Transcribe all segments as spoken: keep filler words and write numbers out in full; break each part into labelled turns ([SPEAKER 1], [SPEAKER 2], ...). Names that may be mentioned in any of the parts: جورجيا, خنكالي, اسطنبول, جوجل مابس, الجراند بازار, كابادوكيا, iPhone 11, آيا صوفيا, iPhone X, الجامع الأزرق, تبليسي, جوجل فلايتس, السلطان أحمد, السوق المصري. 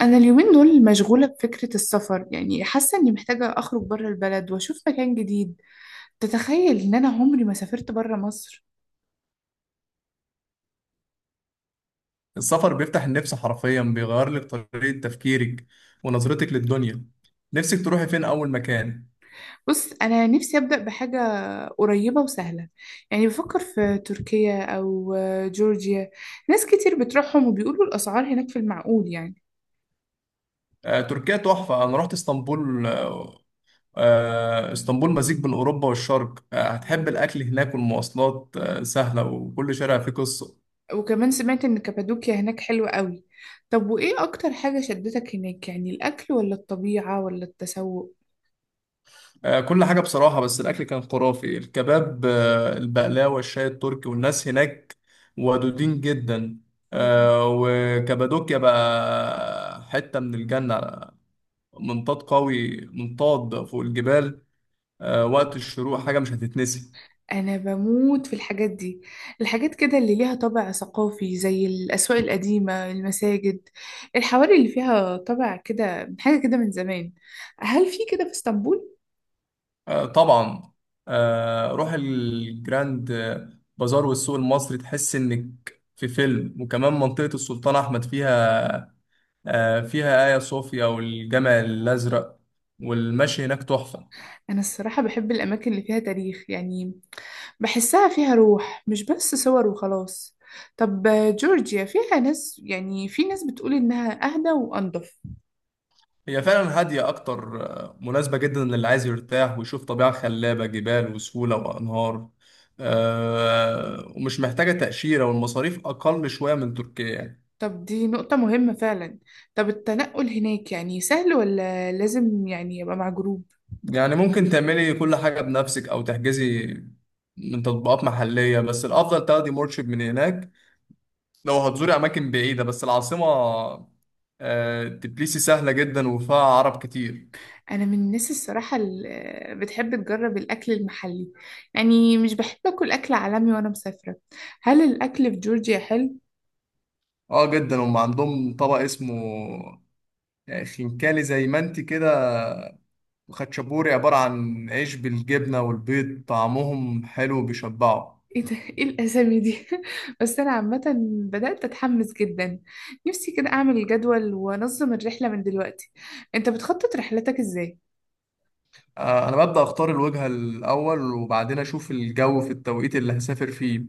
[SPEAKER 1] أنا اليومين دول مشغولة بفكرة السفر، يعني حاسة إني محتاجة أخرج بره البلد وأشوف مكان جديد. تتخيل إن أنا عمري ما سافرت بره مصر.
[SPEAKER 2] السفر بيفتح النفس حرفيا، بيغير لك طريقة تفكيرك ونظرتك للدنيا. نفسك تروحي فين أول مكان؟
[SPEAKER 1] بص أنا نفسي أبدأ بحاجة قريبة وسهلة، يعني بفكر في تركيا أو جورجيا. ناس كتير بتروحهم وبيقولوا الأسعار هناك في المعقول يعني.
[SPEAKER 2] آه، تركيا تحفة. أنا رحت اسطنبول. آه، آه، اسطنبول مزيج بين أوروبا والشرق. آه، هتحب
[SPEAKER 1] الله!
[SPEAKER 2] الأكل هناك والمواصلات آه، سهلة، وكل شارع فيه قصة.
[SPEAKER 1] وكمان سمعت إن كابادوكيا هناك حلوة قوي. طب وإيه أكتر حاجة شدتك هناك، يعني الأكل ولا الطبيعة ولا التسوق؟
[SPEAKER 2] آه، كل حاجة بصراحة، بس الأكل كان خرافي: الكباب، آه، البقلاوة، الشاي التركي، والناس هناك ودودين جدا. آه، وكابادوكيا بقى حتة من الجنة. منطاد قوي، منطاد فوق الجبال آه، وقت الشروق، حاجة مش هتتنسي.
[SPEAKER 1] أنا بموت في الحاجات دي، الحاجات كده اللي ليها طابع ثقافي زي الأسواق القديمة، المساجد، الحواري اللي فيها طابع كده، حاجة كده من زمان. هل في كده في اسطنبول؟
[SPEAKER 2] آه، طبعا. آه، روح الجراند آه، بازار والسوق المصري، تحس إنك في فيلم. وكمان منطقة السلطان أحمد فيها آه، فيها آيا صوفيا والجامع الأزرق، والمشي هناك تحفة.
[SPEAKER 1] أنا الصراحة بحب الأماكن اللي فيها تاريخ، يعني بحسها فيها روح مش بس صور وخلاص. طب جورجيا فيها ناس، يعني في ناس بتقول إنها أهدى وأنضف.
[SPEAKER 2] هي فعلا هادية أكتر، آه، مناسبة جدا للي عايز يرتاح ويشوف طبيعة خلابة: جبال وسهولة وأنهار. آه، ومش محتاجة تأشيرة، والمصاريف أقل شوية من تركيا يعني.
[SPEAKER 1] طب دي نقطة مهمة فعلا. طب التنقل هناك يعني سهل ولا لازم يعني يبقى مع جروب؟
[SPEAKER 2] يعني ممكن تعملي كل حاجة بنفسك أو تحجزي من تطبيقات محلية، بس الأفضل تاخدي مرشد من هناك لو هتزوري أماكن بعيدة. بس العاصمة آه، تبليسي سهلة جدا وفيها عرب كتير.
[SPEAKER 1] انا من الناس الصراحه اللي بتحب تجرب الاكل المحلي، يعني مش بحب اكل اكل عالمي وانا مسافره. هل الاكل في جورجيا حلو؟
[SPEAKER 2] اه، جدا. هم عندهم طبق اسمه آه، خنكالي، زي ما انت كده، وخاتشابوري، عبارة عن عيش بالجبنة والبيض. طعمهم حلو بيشبعوا.
[SPEAKER 1] ايه ده؟ ايه الاسامي دي؟ بس انا عامه بدات اتحمس جدا. نفسي كده اعمل جدول وانظم الرحله من دلوقتي. انت بتخطط رحلتك ازاي؟
[SPEAKER 2] آه، انا ببدا اختار الوجهه الاول، وبعدين اشوف الجو في التوقيت اللي هسافر فيه،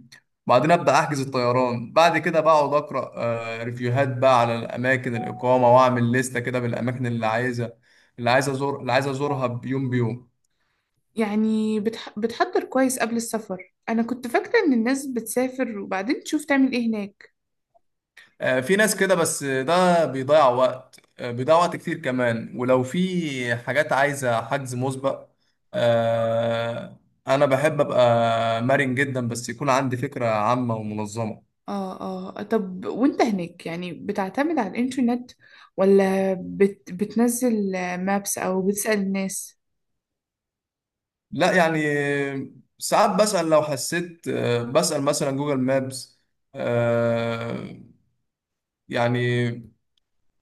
[SPEAKER 2] وبعدين ابدا احجز الطيران. بعد كده بقعد اقرا آه، ريفيوهات بقى على الاماكن الاقامه، واعمل لستة كده بالاماكن اللي عايزه. اللي عايز ازور اللي عايز ازورها بيوم بيوم.
[SPEAKER 1] يعني بتح... بتحضر كويس قبل السفر؟ انا كنت فاكره ان الناس بتسافر وبعدين تشوف تعمل ايه هناك.
[SPEAKER 2] آه، في ناس كده، بس ده بيضيع وقت آه، بيضيع وقت كتير كمان، ولو في حاجات عايزه حجز مسبق آه، انا بحب ابقى مرن جدا، بس يكون عندي فكره عامه ومنظمه.
[SPEAKER 1] اه، اه. طب وانت هناك يعني بتعتمد على الانترنت ولا بت بتنزل مابس او بتسأل الناس؟
[SPEAKER 2] لا، يعني ساعات بسأل لو حسيت، آه، بسأل مثلا جوجل مابس. آه، يعني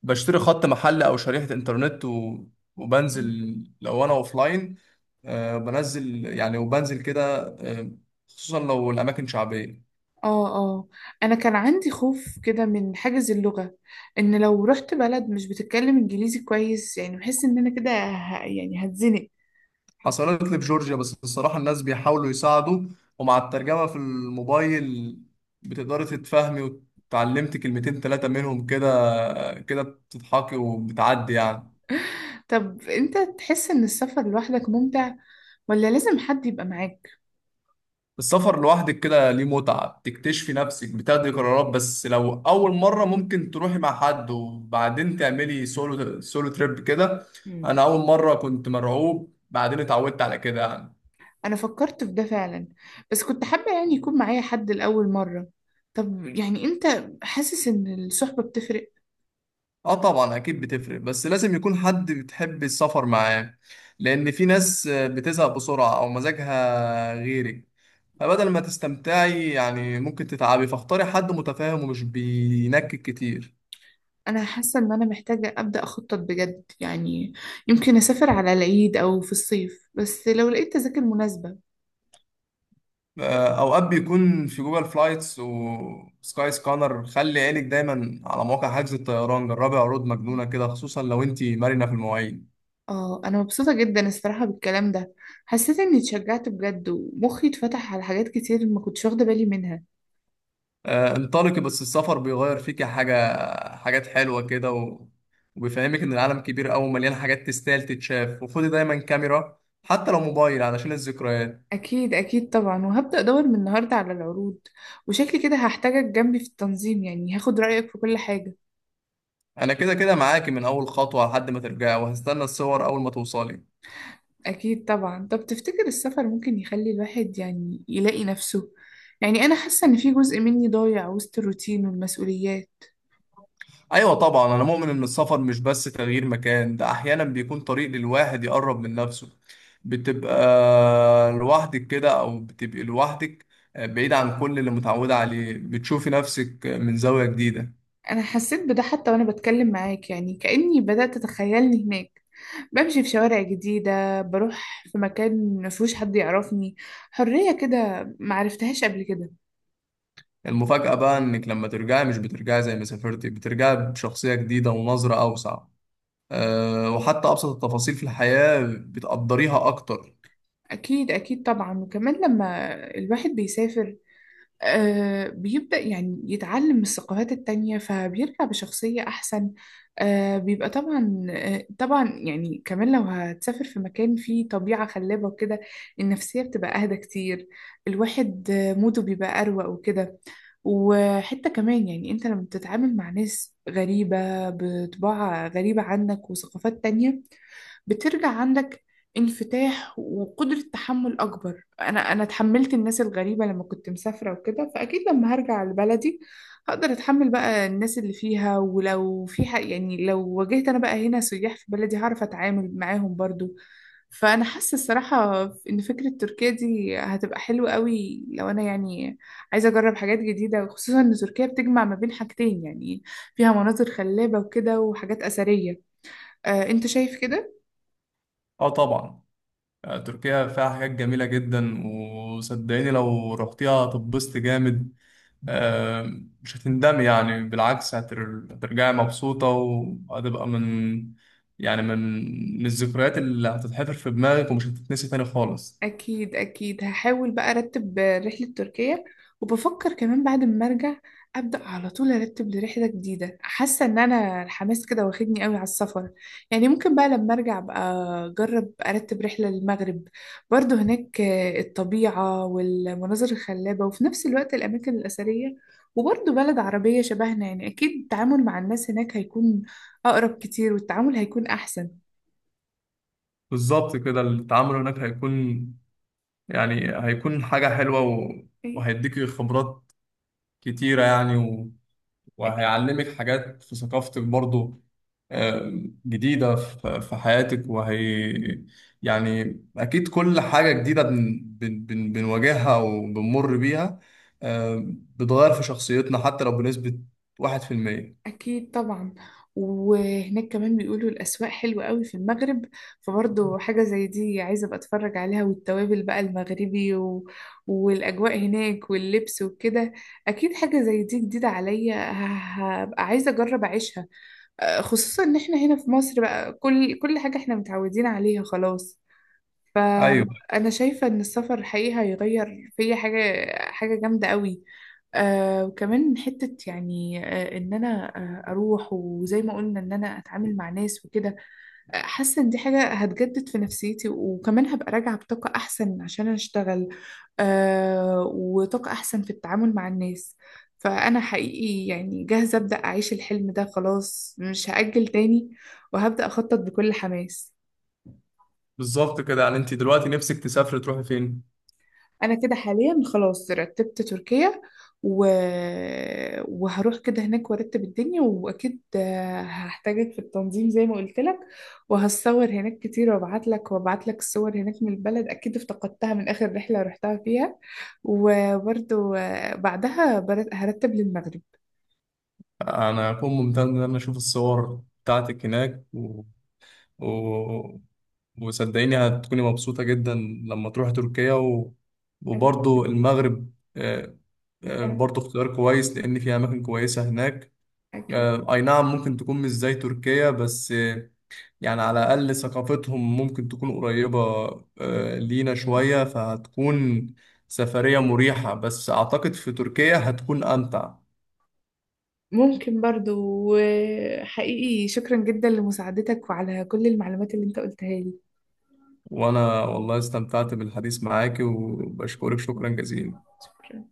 [SPEAKER 2] بشتري خط محل أو شريحة إنترنت، و- وبنزل لو أنا أوفلاين. آه، بنزل يعني، وبنزل كده، آه، خصوصا لو الأماكن شعبية.
[SPEAKER 1] اه، اه. انا كان عندي خوف كده من حاجز اللغة، ان لو رحت بلد مش بتتكلم انجليزي كويس، يعني بحس ان انا كده ه- يعني هتزنق.
[SPEAKER 2] حصلت لي في جورجيا، بس الصراحة الناس بيحاولوا يساعدوا، ومع الترجمة في الموبايل بتقدري تتفهمي. وتعلمت كلمتين تلاتة منهم كده، آه، كده بتضحكي وبتعدي يعني.
[SPEAKER 1] طب انت تحس ان السفر لوحدك ممتع ولا لازم حد يبقى معاك؟
[SPEAKER 2] السفر لوحدك كده ليه متعة. بتكتشفي نفسك، بتاخدي قرارات. بس لو أول مرة ممكن تروحي مع حد، وبعدين تعملي سولو سولو تريب كده. أنا أول مرة كنت مرعوب، بعدين اتعودت على كده يعني.
[SPEAKER 1] انا فكرت في ده فعلا، بس كنت حابة يعني يكون معايا حد لأول مرة. طب يعني انت حاسس ان الصحبة بتفرق؟
[SPEAKER 2] اه، طبعا، اكيد بتفرق. بس لازم يكون حد بتحب السفر معاه، لان في ناس بتزهق بسرعة او مزاجها غيرك، فبدل ما تستمتعي يعني ممكن تتعبي. فاختاري حد متفاهم ومش بينكد كتير.
[SPEAKER 1] انا حاسة ان انا محتاجة ابدأ اخطط بجد يعني. يمكن اسافر على العيد او في الصيف بس لو لقيت تذاكر مناسبة.
[SPEAKER 2] آه، اوقات بيكون في جوجل فلايتس وسكاي سكانر. خلي عينك دايما على مواقع حجز الطيران، جربي عروض مجنونه كده، خصوصا لو انت مرنه في المواعيد.
[SPEAKER 1] اه، انا مبسوطة جدا الصراحة بالكلام ده. حسيت اني اتشجعت بجد ومخي اتفتح على حاجات كتير ما كنتش واخدة بالي منها.
[SPEAKER 2] آه، انطلقي. بس السفر بيغير فيكي حاجه حاجات حلوه كده، و... وبيفهمك ان العالم كبير قوي ومليان حاجات تستاهل تتشاف. وخدي دايما كاميرا، حتى لو موبايل، علشان الذكريات.
[SPEAKER 1] اكيد اكيد طبعا، وهبدأ ادور من النهاردة على العروض. وشكلي كده هحتاجك جنبي في التنظيم، يعني هاخد رأيك في كل حاجة.
[SPEAKER 2] انا كده كده معاكي من اول خطوه لحد ما ترجعي، وهستنى الصور اول ما توصلي.
[SPEAKER 1] أكيد طبعا. طب تفتكر السفر ممكن يخلي الواحد يعني يلاقي نفسه؟ يعني أنا حاسة إن في جزء مني ضايع وسط الروتين والمسؤوليات.
[SPEAKER 2] ايوه طبعا، انا مؤمن ان السفر مش بس تغيير مكان، ده احيانا بيكون طريق للواحد يقرب من نفسه. بتبقى لوحدك كده او بتبقي لوحدك آه، بعيد عن كل اللي متعودة عليه، بتشوفي نفسك من زاوية جديدة.
[SPEAKER 1] أنا حسيت بده حتى وأنا بتكلم معاك، يعني كأني بدأت أتخيلني هناك، بمشي في شوارع جديدة، بروح في مكان مفيهوش حد يعرفني. حرية كده معرفتهاش قبل كده.
[SPEAKER 2] المفاجأة بقى انك لما ترجعي مش بترجعي زي ما سافرتي، بترجعي بشخصية جديدة ونظرة اوسع. آه، وحتى ابسط التفاصيل في الحياة بتقدريها اكتر.
[SPEAKER 1] أكيد أكيد طبعا. وكمان لما الواحد بيسافر آه، بيبدأ يعني يتعلم من الثقافات التانية فبيرجع بشخصية أحسن. آه، بيبقى طبعا، آه، طبعا يعني كمان لو هتسافر في مكان فيه طبيعة خلابة وكده، النفسية بتبقى أهدى كتير. الواحد آه، موده بيبقى أروق وكده. وحتى كمان يعني أنت لما بتتعامل مع ناس غريبة بطباع غريبة عنك وثقافات تانية، بترجع عندك انفتاح وقدرة تحمل أكبر. أنا أنا تحملت الناس الغريبة لما كنت مسافرة وكده، فأكيد لما هرجع لبلدي هقدر أتحمل بقى الناس اللي فيها، ولو في حق يعني لو واجهت أنا بقى هنا سياح في بلدي، هعرف أتعامل معاهم برضو. فأنا حاسة الصراحة إن فكرة تركيا دي هتبقى حلوة قوي، لو أنا يعني عايزة أجرب حاجات جديدة، خصوصا إن تركيا بتجمع ما بين حاجتين، يعني فيها مناظر خلابة وكده وحاجات أثرية. آه، أنت شايف كده؟
[SPEAKER 2] اه، طبعا. آه، تركيا فيها حاجات جميلة جدا، وصدقيني لو رحتيها هتتبسط جامد. آه، مش هتندمي يعني، بالعكس هتر- هترجعي مبسوطة، وهتبقى من يعني من من الذكريات اللي هتتحفر في دماغك ومش هتتنسي تاني خالص.
[SPEAKER 1] أكيد أكيد، هحاول بقى أرتب رحلة تركيا. وبفكر كمان بعد ما أرجع أبدأ على طول أرتب لرحلة جديدة، حاسة إن أنا الحماس كده واخدني قوي على السفر. يعني ممكن بقى لما أرجع بقى أجرب أرتب رحلة للمغرب، برضو هناك الطبيعة والمناظر الخلابة وفي نفس الوقت الأماكن الأثرية. وبرضو بلد عربية شبهنا، يعني أكيد التعامل مع الناس هناك هيكون أقرب كتير والتعامل هيكون أحسن.
[SPEAKER 2] بالظبط كده. التعامل هناك هيكون يعني هيكون حاجة حلوة، و- وهيديكي خبرات كتيرة يعني، و-
[SPEAKER 1] أكيد
[SPEAKER 2] وهيعلمك حاجات في ثقافتك برضو آه، جديدة في في حياتك. وهي يعني أكيد كل حاجة جديدة بن بن بن بنواجهها وبنمر بيها، آه، بتغير في شخصيتنا حتى لو بنسبة واحد في المية.
[SPEAKER 1] أكيد طبعا. وهناك كمان بيقولوا الأسواق حلوة قوي في المغرب، فبرضه حاجة زي دي عايزة أبقى أتفرج عليها، والتوابل بقى المغربي و... والأجواء هناك واللبس وكده. أكيد حاجة زي دي جديدة عليا، ه- هبقى عايزة أجرب أعيشها. آه، خصوصا إن إحنا هنا في مصر بقى كل كل حاجة إحنا متعودين عليها خلاص.
[SPEAKER 2] أيوة،
[SPEAKER 1] فأنا شايفة إن السفر الحقيقي هيغير فيا حاجة. حاجة جامدة قوي. آه وكمان حتة يعني آه إن أنا آه أروح وزي ما قلنا إن أنا أتعامل مع ناس وكده. آه، حاسة إن دي حاجة هتجدد في نفسيتي وكمان هبقى راجعة بطاقة أحسن عشان أشتغل. آه وطاقة أحسن في التعامل مع الناس. فأنا حقيقي يعني جاهزة أبدأ أعيش الحلم ده خلاص، مش هأجل تاني، وهبدأ أخطط بكل حماس.
[SPEAKER 2] بالظبط كده. يعني أنت دلوقتي نفسك تسافري تروحي فين؟
[SPEAKER 1] انا كده حاليا خلاص رتبت تركيا و... وهروح كده هناك وارتب الدنيا، واكيد هحتاجك في التنظيم زي ما قلت لك. وهصور هناك كتير وابعت لك وابعت لك الصور هناك من البلد، اكيد افتقدتها من اخر رحلة رحتها فيها. وبرضو بعدها بر- هرتب للمغرب.
[SPEAKER 2] أنا أكون ممتن إن أنا أشوف الصور بتاعتك هناك، و... وصدقيني هتكوني مبسوطة جدا لما تروحي تركيا. و...
[SPEAKER 1] أنا
[SPEAKER 2] وبرضو المغرب آه، آه،
[SPEAKER 1] أنا
[SPEAKER 2] برضو اختيار كويس، لأن في أماكن كويسة هناك.
[SPEAKER 1] أكيد،
[SPEAKER 2] آه، أي نعم، ممكن تكون مش زي تركيا، بس آه، يعني على الأقل ثقافتهم ممكن تكون قريبة آه، لينا شوية، فهتكون سفرية مريحة. بس أعتقد في تركيا هتكون أمتع.
[SPEAKER 1] ممكن برضو. وحقيقي شكرا جدا لمساعدتك وعلى كل المعلومات اللي انت قلتها لي.
[SPEAKER 2] وأنا والله استمتعت بالحديث معاكي، وبشكرك شكرا جزيلا.
[SPEAKER 1] شكرا.